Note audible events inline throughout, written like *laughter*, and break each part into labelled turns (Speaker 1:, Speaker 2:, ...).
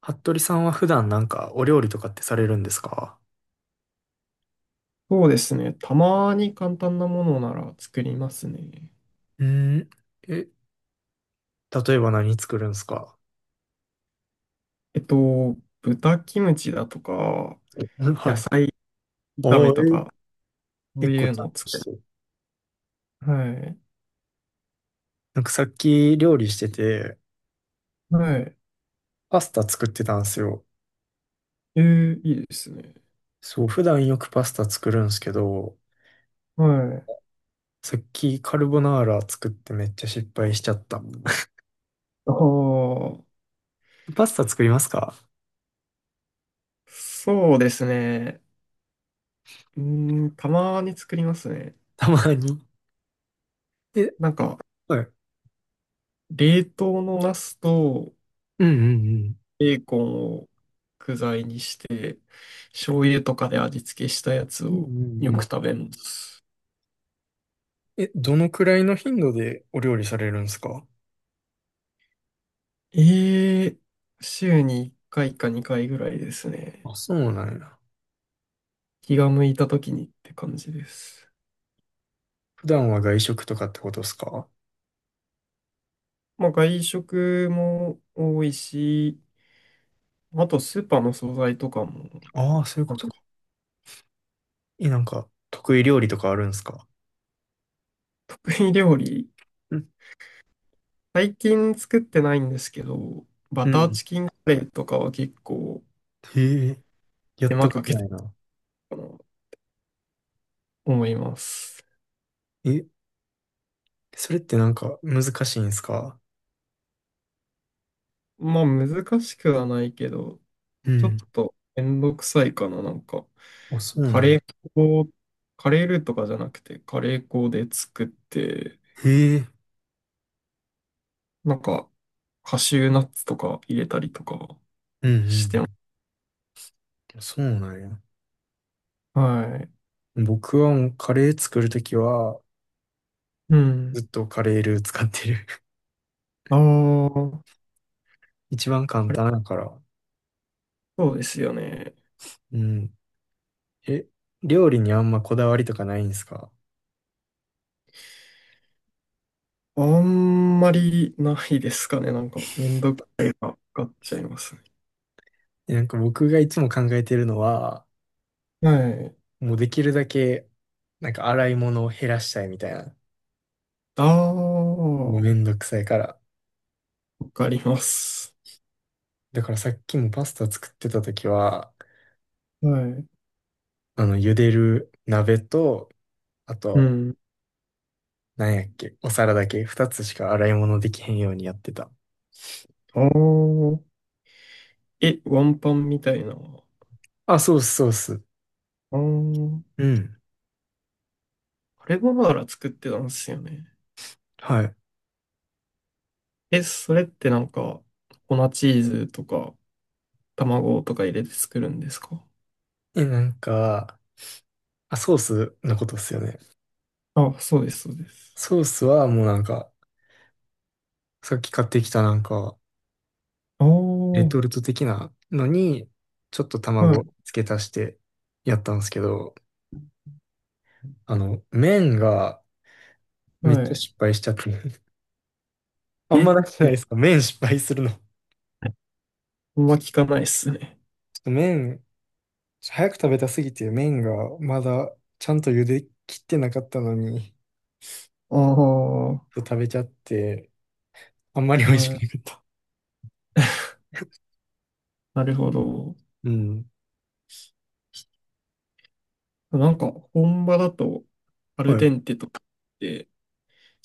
Speaker 1: 服部さんは普段なんかお料理とかってされるんですか？
Speaker 2: そうですね。たまに簡単なものなら作りますね。
Speaker 1: うーん。え、例えば何作るんですか？
Speaker 2: えっと、豚キムチだとか、
Speaker 1: うん、は
Speaker 2: 野
Speaker 1: い。
Speaker 2: 菜
Speaker 1: *laughs*
Speaker 2: 炒
Speaker 1: お
Speaker 2: めと
Speaker 1: ー、
Speaker 2: か、そ
Speaker 1: え、
Speaker 2: う
Speaker 1: 結構
Speaker 2: いう
Speaker 1: ちゃ
Speaker 2: の
Speaker 1: ん
Speaker 2: を
Speaker 1: と
Speaker 2: 作
Speaker 1: し
Speaker 2: る。
Speaker 1: てる。
Speaker 2: はい。
Speaker 1: なんかさっき料理してて、
Speaker 2: はい。
Speaker 1: パスタ作ってたんですよ。
Speaker 2: えー、いいですね。
Speaker 1: そう、普段よくパスタ作るんですけど、
Speaker 2: はい。
Speaker 1: さっきカルボナーラ作ってめっちゃ失敗しちゃった。*laughs*
Speaker 2: ああ、
Speaker 1: パスタ作りますか？
Speaker 2: そうですね。たまに作りますね。
Speaker 1: たまに。え、
Speaker 2: なんか、
Speaker 1: はい。
Speaker 2: 冷凍のナスと
Speaker 1: うんうんうん。
Speaker 2: ベーコンを具材にして、醤油とかで味付けしたやつ
Speaker 1: うんう
Speaker 2: を
Speaker 1: ん
Speaker 2: よ
Speaker 1: う
Speaker 2: く
Speaker 1: ん。
Speaker 2: 食べます。
Speaker 1: え、どのくらいの頻度でお料理されるんですか？
Speaker 2: ええ、週に1回か2回ぐらいですね。
Speaker 1: あ、そうなんや。
Speaker 2: 気が向いた時にって感じです。
Speaker 1: 普段は外食とかってことですか？
Speaker 2: まあ外食も多いし、あとスーパーの惣菜とかも、
Speaker 1: ああー、そういうこ
Speaker 2: なん
Speaker 1: と
Speaker 2: か
Speaker 1: か。え、得意料理とかあるんですか？
Speaker 2: 得意料理、
Speaker 1: うん。
Speaker 2: 最近作ってないんですけど、バ
Speaker 1: う
Speaker 2: ター
Speaker 1: ん。
Speaker 2: チキンカレーとかは結構
Speaker 1: へ、え、や
Speaker 2: 手
Speaker 1: った
Speaker 2: 間
Speaker 1: こ
Speaker 2: か
Speaker 1: と
Speaker 2: けて
Speaker 1: な
Speaker 2: る
Speaker 1: いな。
Speaker 2: かな、思います。
Speaker 1: え、それってなんか難しいんですか？
Speaker 2: まあ難しくはないけど、
Speaker 1: う
Speaker 2: ちょ
Speaker 1: ん。
Speaker 2: っとめんどくさいかな、なんか。
Speaker 1: あ、そう
Speaker 2: カ
Speaker 1: なん
Speaker 2: レ
Speaker 1: や。
Speaker 2: ー粉を、カレールーとかじゃなくて、カレー粉で作って、
Speaker 1: へ、え、
Speaker 2: なんか、カシューナッツとか入れたりとか
Speaker 1: うん。
Speaker 2: し
Speaker 1: う
Speaker 2: てます。
Speaker 1: ん。そうなんや。
Speaker 2: はい。
Speaker 1: 僕はもうカレー作るときは、
Speaker 2: う
Speaker 1: ず
Speaker 2: ん。
Speaker 1: っとカレールー使ってる。
Speaker 2: ああ、
Speaker 1: *laughs* 一番簡
Speaker 2: カレ
Speaker 1: 単だから。
Speaker 2: ー、そうですよね。
Speaker 1: うん。え、料理にあんまこだわりとかないんですか？
Speaker 2: あんまりないですかね。なんか、めんどくさいがかっちゃいますね。
Speaker 1: え、僕がいつも考えてるのは、
Speaker 2: はい。
Speaker 1: もうできるだけ、洗い物を減らしたいみたいな。
Speaker 2: ああ、
Speaker 1: もう
Speaker 2: わ
Speaker 1: めんどくさいから。
Speaker 2: かります。
Speaker 1: だからさっきもパスタ作ってた時は、
Speaker 2: はい。
Speaker 1: 茹でる鍋と、あ
Speaker 2: う
Speaker 1: と、
Speaker 2: ん。
Speaker 1: なんやっけ、お皿だけ、二つしか洗い物できへんようにやってた。
Speaker 2: ああ、え、ワンパンみたいな。
Speaker 1: あ、ソース、ソース。
Speaker 2: あー、
Speaker 1: うん。
Speaker 2: カルボナーラ作ってたんですよね。
Speaker 1: はい。
Speaker 2: え、それってなんか、粉チーズとか、卵とか入れて作るんですか？
Speaker 1: え、なんか、あ、ソースのことっすよね。
Speaker 2: あ、そうです、そうです。
Speaker 1: ソースはもうさっき買ってきた
Speaker 2: ああ、
Speaker 1: レ
Speaker 2: は
Speaker 1: トルト的なのに、ちょっと卵
Speaker 2: い、
Speaker 1: 付け足してやったんですけど、あの、麺がめっ
Speaker 2: は
Speaker 1: ちゃ
Speaker 2: い。
Speaker 1: 失敗しちゃって。*laughs* あんま
Speaker 2: え、
Speaker 1: なくない
Speaker 2: 言っ
Speaker 1: ですか、麺失敗するの。ちょっ
Speaker 2: あんま聞かないっすね。
Speaker 1: と麺、早く食べたすぎて麺がまだちゃんと茹で切ってなかったのに、
Speaker 2: ああ、は
Speaker 1: 食べちゃって、あんまり美味しく
Speaker 2: い。
Speaker 1: なかった。
Speaker 2: *laughs*
Speaker 1: *laughs*
Speaker 2: なるほど。
Speaker 1: うん。
Speaker 2: なんか、本場だと、アル
Speaker 1: は
Speaker 2: デ
Speaker 1: い。
Speaker 2: ンテとかって、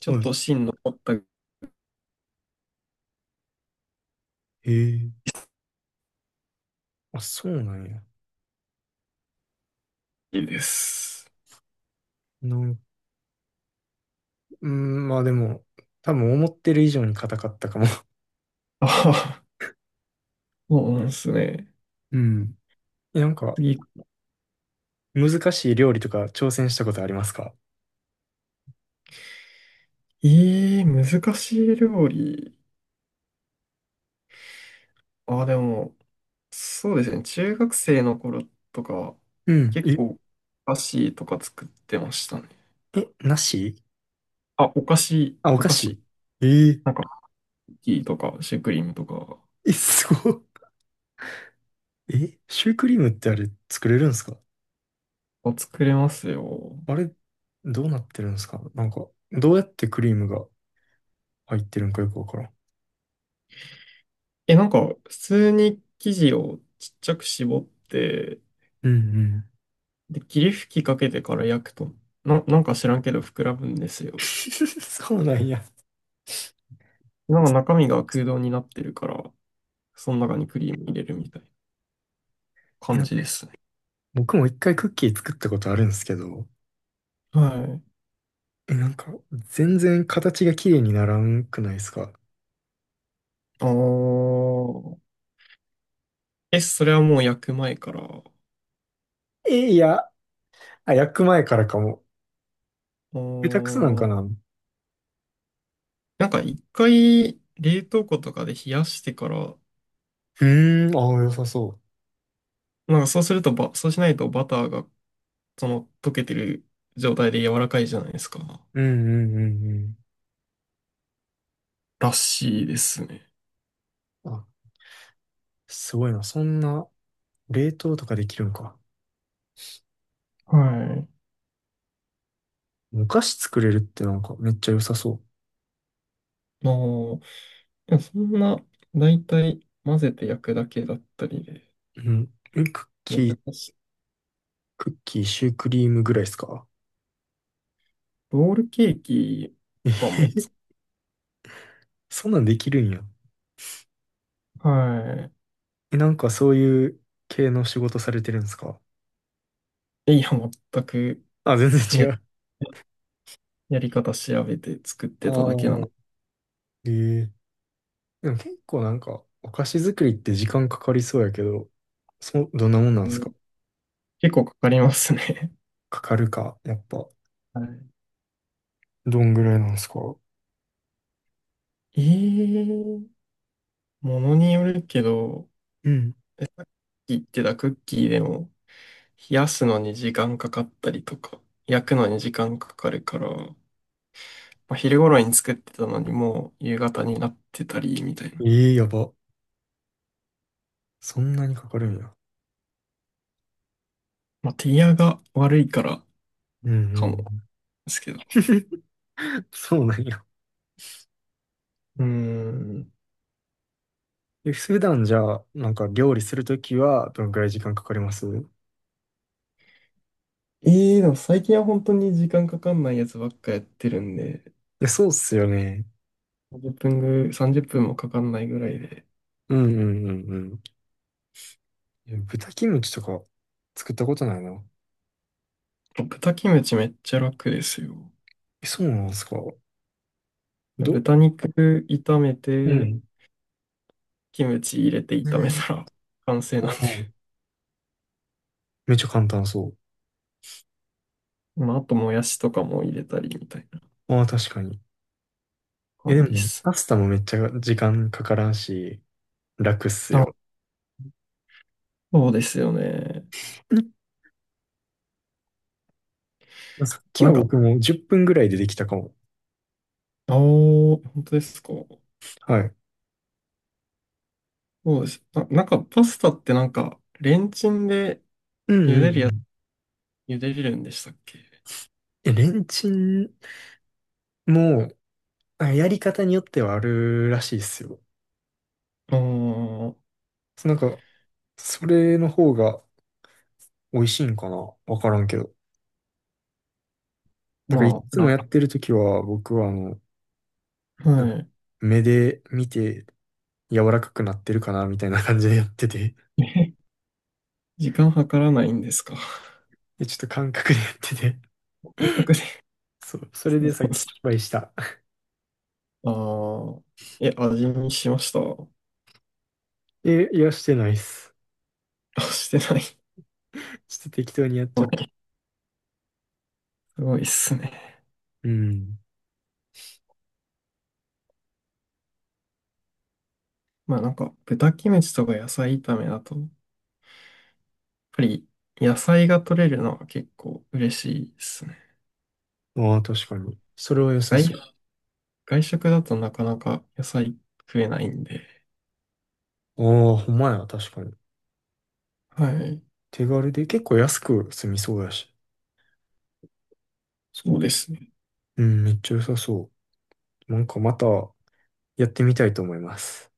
Speaker 2: ちょ
Speaker 1: は
Speaker 2: っ
Speaker 1: い。
Speaker 2: と芯残った
Speaker 1: へ、え。あ、そうなんや。
Speaker 2: りです。
Speaker 1: なん、うん、まあでも、多分思ってる以上に硬かったかも。
Speaker 2: ああ、*laughs* そうなんですね。
Speaker 1: *laughs* うん。*laughs* え、
Speaker 2: 次、
Speaker 1: 難しい料理とか挑戦したことありますか？
Speaker 2: ええー、難しい料理。あ、でも、そうですね。中学生の頃とか
Speaker 1: うん。
Speaker 2: 結
Speaker 1: え、
Speaker 2: 構、お菓子とか作ってましたね。
Speaker 1: え、なし、
Speaker 2: あ、お菓子、
Speaker 1: あ、お
Speaker 2: お
Speaker 1: 菓
Speaker 2: 菓
Speaker 1: 子、
Speaker 2: 子。
Speaker 1: え、え、
Speaker 2: なんか、クッキーとか、シュークリームとか、
Speaker 1: え、すごっ。え、シュークリームってあれ作れるんですか？
Speaker 2: あ、作れますよ。
Speaker 1: あれ、どうなってるんですか、なんか、どうやってクリームが入ってるんかよくわからん。
Speaker 2: え、なんか、普通に生地をちっちゃく絞って、
Speaker 1: うん、うん。
Speaker 2: で、霧吹きかけてから焼くと、なんか知らんけど膨らむんですよ。
Speaker 1: *laughs* そうなんや。
Speaker 2: なんか中身が空洞になってるから、その中にクリーム入れるみたいな
Speaker 1: え、
Speaker 2: 感
Speaker 1: な
Speaker 2: じですね。
Speaker 1: 僕も一回クッキー作ったことあるんですけど、
Speaker 2: はい。
Speaker 1: え、全然形が綺麗にならんくないですか？
Speaker 2: ああ。え、それはもう焼く前から。
Speaker 1: え、いや、あ、焼く前からかも。下手くそなん
Speaker 2: お
Speaker 1: かな、
Speaker 2: ー、
Speaker 1: う
Speaker 2: なんか一回冷凍庫とかで冷やしてから、
Speaker 1: ーん、ああ、良さそ
Speaker 2: なんかそうするとば、そうしないとバターがその溶けてる状態で柔らかいじゃないですか。
Speaker 1: う。うんうんうん
Speaker 2: らしいですね。
Speaker 1: うん。あ、すごいな。そんな、冷凍とかできるんか。
Speaker 2: は
Speaker 1: お菓子作れるってなんかめっちゃ良さそ
Speaker 2: い。もう、でもそんな、だいたい混ぜて焼くだけだったりで、
Speaker 1: う。うん。え、クッキー、
Speaker 2: 難しい。
Speaker 1: クッキー、シュークリームぐらいですか？
Speaker 2: ロールケーキ
Speaker 1: えへ
Speaker 2: とかも
Speaker 1: へ
Speaker 2: つ、
Speaker 1: *laughs* そんなんできるんや。
Speaker 2: は
Speaker 1: え、なんかそういう系の仕事されてるんですか？
Speaker 2: い。いや、全く
Speaker 1: あ、全然違
Speaker 2: ね、
Speaker 1: う。
Speaker 2: やり方調べて作っ
Speaker 1: あ
Speaker 2: て
Speaker 1: あ、
Speaker 2: ただけなんで。
Speaker 1: え、え、でも結構なんかお菓子作りって時間かかりそうやけど、そ、どんなもんなんですか？
Speaker 2: 結構かかりますね。
Speaker 1: かかるか、やっぱ、
Speaker 2: *laughs* はい。
Speaker 1: どんぐらいなんですか？
Speaker 2: ええ、ものによるけど、
Speaker 1: うん。
Speaker 2: 言ってたクッキーでも、冷やすのに時間かかったりとか、焼くのに時間かかるから、まあ、昼頃に作ってたのにもう夕方になってたり、みたいな。
Speaker 1: え、え、やば。そんなにかかるんや。
Speaker 2: まあ、手際が悪いから
Speaker 1: うんう
Speaker 2: かも、
Speaker 1: ん。
Speaker 2: ですけど。
Speaker 1: *laughs* そうなんや。
Speaker 2: うーん。
Speaker 1: え、普段じゃあ、なんか料理するときはどのくらい時間かかります？
Speaker 2: ええ、でも最近は本当に時間かかんないやつばっかやってるんで、
Speaker 1: え、そうっすよね。
Speaker 2: 30分もかかんないぐらいで。
Speaker 1: うんうんうんうん。え、豚キムチとか作ったことないな。
Speaker 2: 豚キムチめっちゃ楽ですよ。
Speaker 1: え、そうなんですか？ど、
Speaker 2: 豚肉炒め
Speaker 1: う
Speaker 2: て、
Speaker 1: ん。
Speaker 2: キムチ入れて炒め
Speaker 1: ね、
Speaker 2: たら *laughs* 完成なん
Speaker 1: お
Speaker 2: で。
Speaker 1: ー、めっちゃ簡単そ
Speaker 2: まあ、あともやしとかも入れたりみたいな
Speaker 1: う。ああ、確かに。え、で
Speaker 2: 感じで
Speaker 1: も、
Speaker 2: す
Speaker 1: パ
Speaker 2: ね。
Speaker 1: スタもめっちゃ時間かからんし、楽っす
Speaker 2: あ、
Speaker 1: よ。
Speaker 2: そうですよね。
Speaker 1: うん、さっき
Speaker 2: な
Speaker 1: は
Speaker 2: んか、
Speaker 1: 僕も10分ぐらいでできたかも。
Speaker 2: あお、本当ですか。
Speaker 1: はい。
Speaker 2: そうです。あ、なんかパスタってなんか、レンチンで
Speaker 1: うんうんうん。
Speaker 2: 茹でれるんでしたっけ？
Speaker 1: え、レンチンも、あ、やり方によってはあるらしいっすよ。
Speaker 2: ああー、
Speaker 1: そう、なんか、それの方が美味しいんかな、わからんけど。なんかい
Speaker 2: まあ、
Speaker 1: つもや
Speaker 2: 楽、
Speaker 1: ってるときは僕はあの、なんか
Speaker 2: は
Speaker 1: 目で見て柔らかくなってるかなみたいな感じでやってて、
Speaker 2: い。*laughs* え、時間計らないんですか。
Speaker 1: でちょっと感覚でやってて、
Speaker 2: 感覚で。*laughs*
Speaker 1: そう、そ
Speaker 2: そ
Speaker 1: れ
Speaker 2: う
Speaker 1: でさ
Speaker 2: な
Speaker 1: っ
Speaker 2: んで
Speaker 1: き
Speaker 2: す、
Speaker 1: 失敗した。
Speaker 2: ああ、え、味見しました。
Speaker 1: え、いや、してないっす。
Speaker 2: あ、してない。
Speaker 1: ちょっと適当にやっち
Speaker 2: *laughs*
Speaker 1: ゃ
Speaker 2: は
Speaker 1: った。
Speaker 2: い。すごいっすね。
Speaker 1: うん。
Speaker 2: まあなんか豚キムチとか野菜炒めだと、やっぱり野菜が取れるのは結構嬉しいですね。
Speaker 1: ああ、確かに。それは良さ
Speaker 2: 外、
Speaker 1: そ
Speaker 2: 外食だとなかなか野菜食えないんで。
Speaker 1: う。ああ、ほんまや、確かに。
Speaker 2: はい。
Speaker 1: 手軽で結構安く済みそうやし。
Speaker 2: そうですね。
Speaker 1: うん、めっちゃ良さそう。なんかまたやってみたいと思います。